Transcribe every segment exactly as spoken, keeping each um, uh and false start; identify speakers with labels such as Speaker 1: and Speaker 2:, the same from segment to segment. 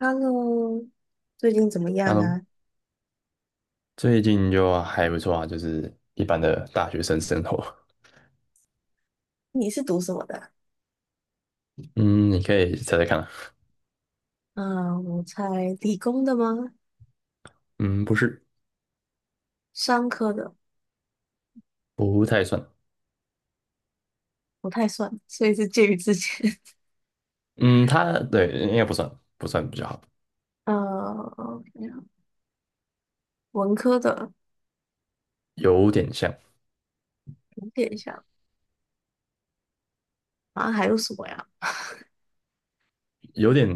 Speaker 1: Hello，最近怎么
Speaker 2: 哈
Speaker 1: 样
Speaker 2: 喽，
Speaker 1: 啊？
Speaker 2: 最近就还不错啊，就是一般的大学生生活。
Speaker 1: 你是读什么的啊？
Speaker 2: 嗯，你可以猜猜看啊
Speaker 1: 嗯，我猜理工的吗？
Speaker 2: 嗯，不是，
Speaker 1: 商科的
Speaker 2: 不太算。
Speaker 1: 不太算，所以是介于之间。
Speaker 2: 嗯，它对应该不算，不算比较好，
Speaker 1: 呃，文科的
Speaker 2: 有点像，
Speaker 1: 有点像，好像还有什么呀？
Speaker 2: 有点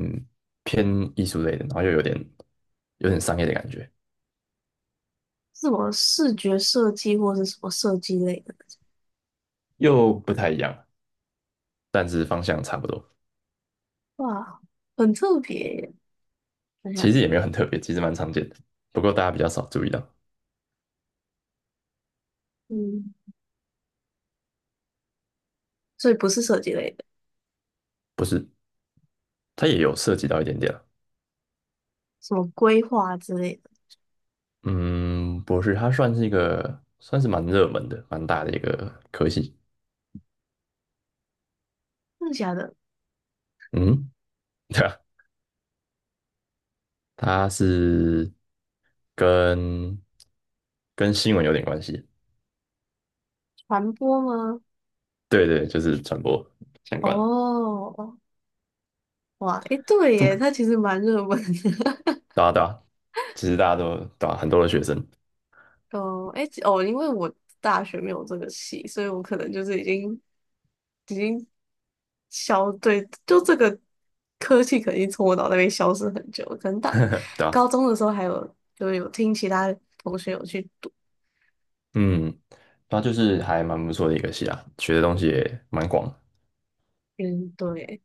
Speaker 2: 偏艺术类的，然后又有点有点商业的感觉，
Speaker 1: 是什么视觉设计或是什么设计类的？
Speaker 2: 又不太一样，但是方向差不多。
Speaker 1: 哇，很特别耶！等一
Speaker 2: 其
Speaker 1: 下，
Speaker 2: 实也没有很特别，其实蛮常见的，不过大家比较少注意到。
Speaker 1: 嗯，所以不是设计类的，
Speaker 2: 不是，它也有涉及到一点点啊。
Speaker 1: 什么规划之类的？
Speaker 2: 嗯，不是，它算是一个算是蛮热门的、蛮大的一个科系。
Speaker 1: 真的假的？
Speaker 2: 嗯，对啊，它是跟跟新闻有点关系。
Speaker 1: 传播吗？
Speaker 2: 对对，就是传播相关的。
Speaker 1: 哦，哇，诶，对
Speaker 2: 这
Speaker 1: 耶，
Speaker 2: 么，
Speaker 1: 它其实蛮热门的。
Speaker 2: 对啊对啊，其实大家都对啊，很多的学生，
Speaker 1: 哦，诶，哦，因为我大学没有这个系，所以我可能就是已经已经消，对，就这个科技肯定从我脑袋里消失很久了，可能大
Speaker 2: 对啊，
Speaker 1: 高中的时候还有，就是有听其他同学有去读，
Speaker 2: 嗯，它就是还蛮不错的一个系啊，学的东西也蛮广的
Speaker 1: 嗯，对。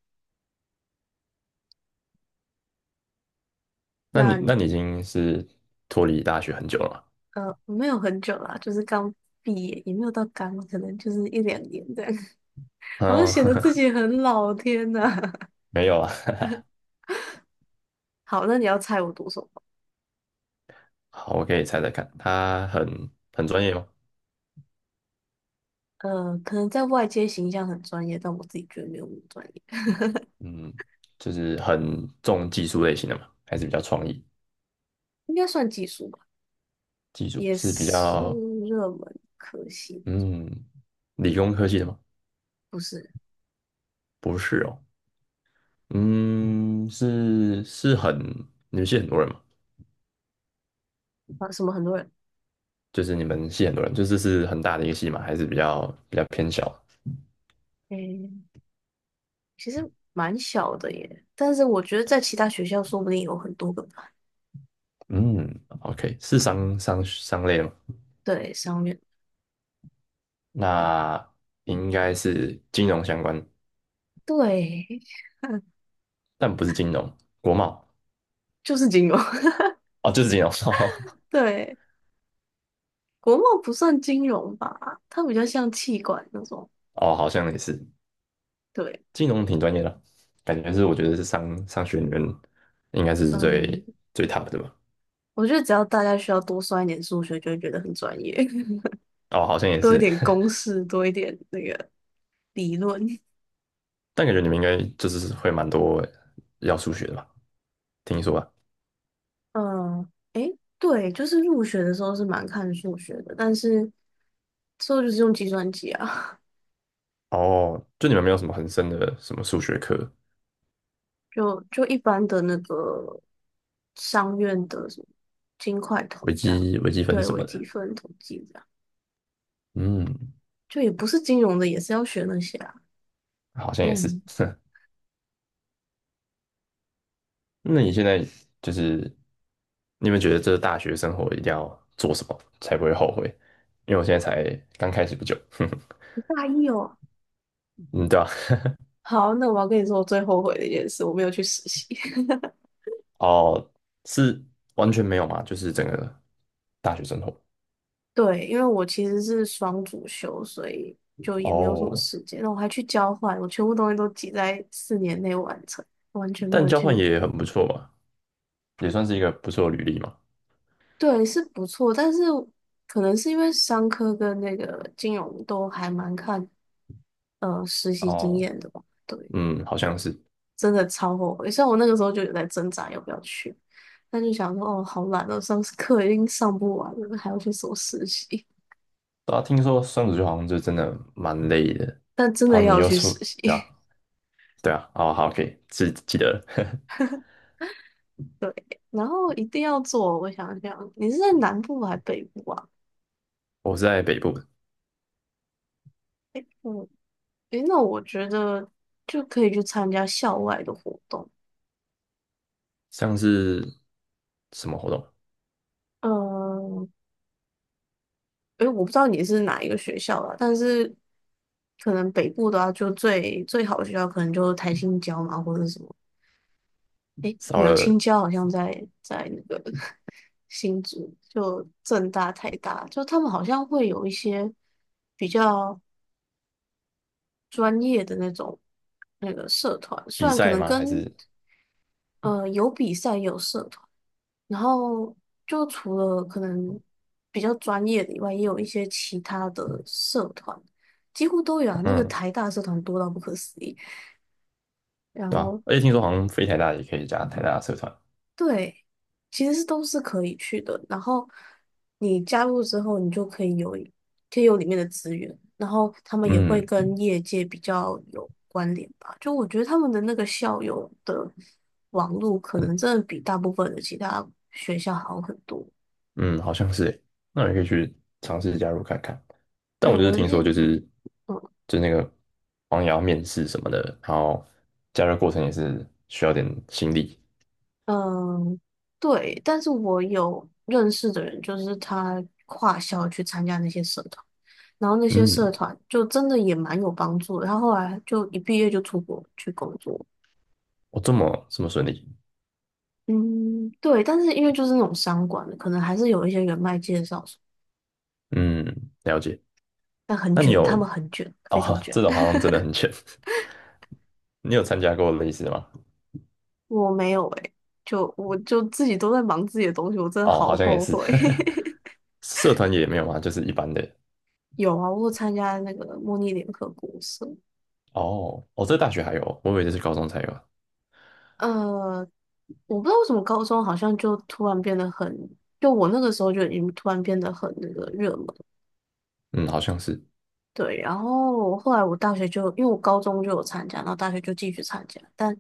Speaker 2: 那你
Speaker 1: 那
Speaker 2: 那你已经是脱离大学很久了吗？
Speaker 1: 呃没有很久啦，就是刚毕业，也没有到刚，可能就是一两年这样，好像
Speaker 2: 哦，
Speaker 1: 显得自 己很老，天呐。
Speaker 2: 没有啊。
Speaker 1: 好，那你要猜我读什么？
Speaker 2: 好，我可以猜猜看，他很很专业吗？
Speaker 1: 呃，可能在外界形象很专业，但我自己觉得没有那么专业，
Speaker 2: 嗯，就是很重技术类型的嘛，还是比较创意？
Speaker 1: 应该算技术吧，
Speaker 2: 记住
Speaker 1: 也
Speaker 2: 是比
Speaker 1: 是
Speaker 2: 较
Speaker 1: 热门科系的，
Speaker 2: 嗯理工科系的吗？
Speaker 1: 不是。
Speaker 2: 不是哦，嗯，是是很你们系很多人吗？
Speaker 1: 啊？什么很多人，
Speaker 2: 就是你们系很多人，就是是很大的一个系嘛，还是比较比较偏小的
Speaker 1: 诶，其实蛮小的耶，但是我觉得在其他学校说不定有很多个吧。
Speaker 2: 嗯，OK，是商商商类的吗？
Speaker 1: 对，上面
Speaker 2: 那应该是金融相关，
Speaker 1: 对，
Speaker 2: 但不是金融，国贸
Speaker 1: 就是金融，
Speaker 2: 哦，就是金融
Speaker 1: 对，国贸不算金融吧，它比较像气管那种，
Speaker 2: 哦，好像也是
Speaker 1: 对。
Speaker 2: 金融挺专业的，感觉是我觉得是商商学院应该是最
Speaker 1: 嗯，
Speaker 2: 最 top 的吧。
Speaker 1: 我觉得只要大家需要多算一点数学，就会觉得很专业，
Speaker 2: 哦，好像 也
Speaker 1: 多一
Speaker 2: 是，
Speaker 1: 点 公式，多一点那个。理论。
Speaker 2: 但感觉你们应该就是会蛮多要数学的吧？听说啊，
Speaker 1: 嗯，诶，对，就是入学的时候是蛮看数学的，但是之后就是用计算机啊，
Speaker 2: 哦，就你们没有什么很深的什么数学课，
Speaker 1: 就就一般的那个商院的什么金块统
Speaker 2: 微
Speaker 1: 这样，
Speaker 2: 积微积分
Speaker 1: 对，
Speaker 2: 什
Speaker 1: 微
Speaker 2: 么
Speaker 1: 积
Speaker 2: 的，
Speaker 1: 分、统计这样，
Speaker 2: 嗯，
Speaker 1: 就也不是金融的，也是要学那些啊。
Speaker 2: 好像也是。
Speaker 1: 嗯，
Speaker 2: 那你现在就是你有没有觉得这大学生活一定要做什么才不会后悔？因为我现在才刚开始不久，
Speaker 1: 你大一哦。
Speaker 2: 嗯，对吧？
Speaker 1: 好，那我要跟你说我最后悔的一件事，我没有去实习。
Speaker 2: 哦，是完全没有嘛，就是整个大学生活。
Speaker 1: 对，因为我其实是双主修，所以就也没有什么
Speaker 2: 哦，
Speaker 1: 时间。然后我还去交换，我全部东西都挤在四年内完成，完全没
Speaker 2: 但
Speaker 1: 有
Speaker 2: 交换
Speaker 1: 去。
Speaker 2: 也很不错嘛，也算是一个不错的履历嘛。
Speaker 1: 对，是不错，但是可能是因为商科跟那个金融都还蛮看呃实习经
Speaker 2: 哦，
Speaker 1: 验的吧。对，
Speaker 2: 嗯，好像是。
Speaker 1: 真的超后悔。像我那个时候就有在挣扎要不要去，但就想说哦，好懒哦，上课已经上不完了，还要去什么实习？
Speaker 2: 大家听说双子座好像就真的蛮累的，然
Speaker 1: 但真
Speaker 2: 后
Speaker 1: 的
Speaker 2: 你
Speaker 1: 要
Speaker 2: 又
Speaker 1: 去
Speaker 2: 出，
Speaker 1: 实
Speaker 2: 对啊，
Speaker 1: 习。
Speaker 2: 对啊，哦，好，可以，记记得了。
Speaker 1: 然后一定要做，我想想，你是在南部还是北部啊？
Speaker 2: 我是在北部的，
Speaker 1: 嗯，诶，那我觉得就可以去参加校外的活动。
Speaker 2: 像是什么活动？
Speaker 1: 嗯，诶，我不知道你是哪一个学校啦，但是可能北部的话，就最最好的学校可能就台青交嘛，或者是什么。诶，
Speaker 2: 少
Speaker 1: 没有，青
Speaker 2: 了
Speaker 1: 交好像在在那个 新竹，就政大、台大，就他们好像会有一些比较专业的那种那个社团，虽
Speaker 2: 比
Speaker 1: 然可
Speaker 2: 赛
Speaker 1: 能
Speaker 2: 吗？还
Speaker 1: 跟
Speaker 2: 是
Speaker 1: 呃，有比赛，有社团，然后就除了可能比较专业的以外，也有一些其他的社团，几乎都有啊。那个
Speaker 2: 嗯，
Speaker 1: 台大社团多到不可思议，然
Speaker 2: 对啊，
Speaker 1: 后
Speaker 2: 而且听说好像飞台大也可以加台大社团，
Speaker 1: 对，其实是都是可以去的。然后你加入之后，你就可以有可以有里面的资源，然后他们也会
Speaker 2: 嗯
Speaker 1: 跟业界比较有关联吧。就我觉得他们的那个校友的网络，可能真的比大部分的其他学校好很多。
Speaker 2: 嗯，好像是耶，那你可以去尝试加入看看。但
Speaker 1: 对，
Speaker 2: 我就是
Speaker 1: 我
Speaker 2: 听
Speaker 1: 那
Speaker 2: 说，就是
Speaker 1: 嗯
Speaker 2: 就那个好像也要面试什么的，然后加入过程也是需要点心力。
Speaker 1: 嗯，对，但是我有认识的人，就是他跨校去参加那些社团。然后那些
Speaker 2: 嗯，
Speaker 1: 社团就真的也蛮有帮助的。他后来就一毕业就出国去工作，
Speaker 2: 我这么这么顺利，
Speaker 1: 嗯，对。但是因为就是那种商管的，可能还是有一些人脉介绍什么，
Speaker 2: 嗯，了解。
Speaker 1: 但很
Speaker 2: 那你
Speaker 1: 卷，
Speaker 2: 有
Speaker 1: 他们很卷，非常
Speaker 2: 哦，
Speaker 1: 卷。
Speaker 2: 这种好 像真的很浅。你有参加过类似的吗？
Speaker 1: 我没有诶、就我就自己都在忙自己的东西，我真的
Speaker 2: 哦，
Speaker 1: 好
Speaker 2: 好像也
Speaker 1: 后
Speaker 2: 是，
Speaker 1: 悔。
Speaker 2: 社团也没有吗？就是一般的。
Speaker 1: 有啊，我有参加那个模拟联合国社。
Speaker 2: 哦，哦，这大学还有，我以为这是高中才有。
Speaker 1: 呃，我不知道为什么高中好像就突然变得很，就我那个时候就已经突然变得很那个热门。
Speaker 2: 嗯，好像是。
Speaker 1: 对，然后后来我大学就，因为我高中就有参加，然后大学就继续参加，但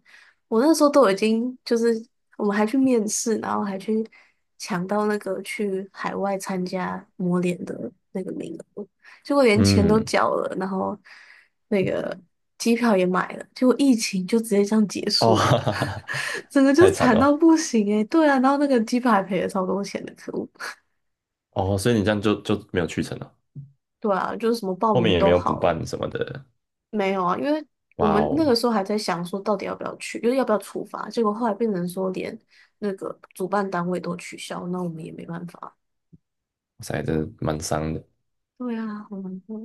Speaker 1: 我那时候都已经就是我们还去面试，然后还去抢到那个去海外参加模联的那个名额，结果连钱都
Speaker 2: 嗯，
Speaker 1: 缴了，然后那个机票也买了，结果疫情就直接这样结
Speaker 2: 哦，
Speaker 1: 束
Speaker 2: 哈
Speaker 1: 了，
Speaker 2: 哈哈，
Speaker 1: 整个就
Speaker 2: 太惨
Speaker 1: 惨
Speaker 2: 了
Speaker 1: 到
Speaker 2: 吧。
Speaker 1: 不行诶、对啊，然后那个机票还赔了超多钱的，可恶。
Speaker 2: 哦，所以你这样就就没有去成了，
Speaker 1: 对啊，就是什么报
Speaker 2: 后
Speaker 1: 名
Speaker 2: 面
Speaker 1: 的
Speaker 2: 也没
Speaker 1: 都
Speaker 2: 有补
Speaker 1: 好了。
Speaker 2: 办什么的。
Speaker 1: 没有啊，因为我
Speaker 2: 哇
Speaker 1: 们
Speaker 2: 哦，
Speaker 1: 那
Speaker 2: 哇
Speaker 1: 个时候还在想说到底要不要去，就是要不要处罚，结果后来变成说连那个主办单位都取消，那我们也没办法。
Speaker 2: 塞，真的蛮伤的。
Speaker 1: 对啊，好难过，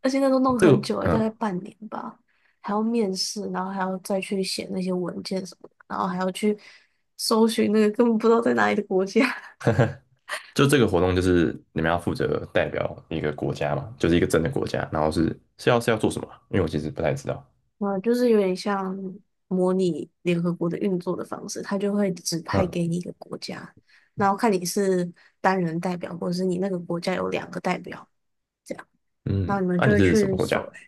Speaker 1: 而且那都弄
Speaker 2: 这
Speaker 1: 很久了，
Speaker 2: 个，
Speaker 1: 大概
Speaker 2: 嗯。
Speaker 1: 半年吧，还要面试，然后还要再去写那些文件什么的，然后还要去搜寻那个根本不知道在哪里的国家。
Speaker 2: 就这个活动就是你们要负责代表一个国家嘛，就是一个真的国家，然后是是要是要做什么啊因为我其实不太知道。
Speaker 1: 嗯，就是有点像模拟联合国的运作的方式，它就会指派
Speaker 2: 嗯
Speaker 1: 给你一个国家，然后看你是单人代表，或者是你那个国家有两个代表，这样，然后
Speaker 2: 嗯，
Speaker 1: 你们
Speaker 2: 那、
Speaker 1: 就
Speaker 2: 你
Speaker 1: 会
Speaker 2: 是什
Speaker 1: 去
Speaker 2: 么国家？
Speaker 1: 搜寻。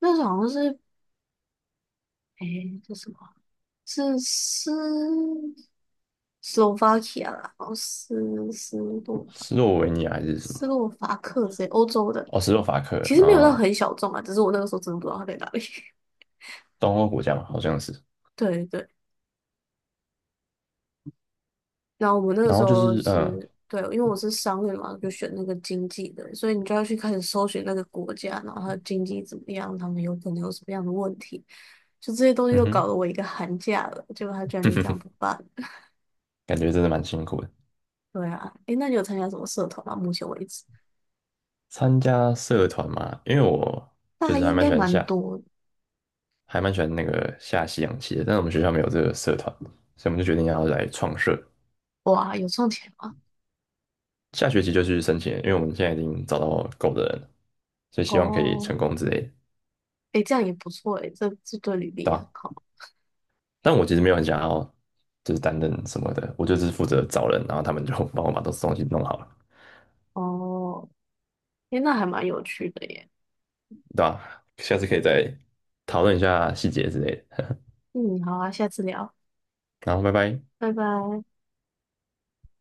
Speaker 1: 那时候好像是，诶，是什么？是斯斯洛伐克啦，然后斯斯洛
Speaker 2: 斯洛维尼亚还是什么？
Speaker 1: 斯洛伐克这些欧洲的，
Speaker 2: 哦，斯洛伐克
Speaker 1: 其实没有到
Speaker 2: 啊，
Speaker 1: 很小众啊，只是我那个时候真的不知道它在哪里。
Speaker 2: 东欧国家嘛，好像是。
Speaker 1: 对对。然后我们那个
Speaker 2: 然
Speaker 1: 时
Speaker 2: 后就
Speaker 1: 候
Speaker 2: 是嗯
Speaker 1: 是，对，因为我是商院嘛，就选那个经济的，所以你就要去开始搜寻那个国家，然后它的经济怎么样，他们有可能有什么样的问题，就这些东西
Speaker 2: 嗯
Speaker 1: 都搞得
Speaker 2: 哼，
Speaker 1: 我一个寒假了，结果他居然就这样不 办了。
Speaker 2: 感觉真的蛮辛苦的。
Speaker 1: 对啊，诶，那你有参加什么社团吗？目前为止，
Speaker 2: 参加社团嘛，因为我就
Speaker 1: 大一
Speaker 2: 是还
Speaker 1: 应
Speaker 2: 蛮
Speaker 1: 该
Speaker 2: 喜欢
Speaker 1: 蛮
Speaker 2: 下，
Speaker 1: 多
Speaker 2: 还蛮喜欢那个下西洋棋的，但是我们学校没有这个社团，所以我们就决定要来创社。
Speaker 1: 的。哇，有赚钱吗？
Speaker 2: 下学期就去申请了因为我们现在已经找到够的人了，所以希望可以
Speaker 1: 哦，
Speaker 2: 成功之类的，
Speaker 1: 诶，这样也不错诶，这这对履历
Speaker 2: 对
Speaker 1: 也很
Speaker 2: 吧？
Speaker 1: 好。
Speaker 2: 但我其实没有很想要就是担任什么的，我就只是负责找人，然后他们就 帮我把东东西弄好了，
Speaker 1: 哦，诶，那还蛮有趣的耶。
Speaker 2: 对吧？下次可以再讨论一下细节之类的，
Speaker 1: 嗯，好啊，下次聊，
Speaker 2: 然后拜拜。
Speaker 1: 拜拜。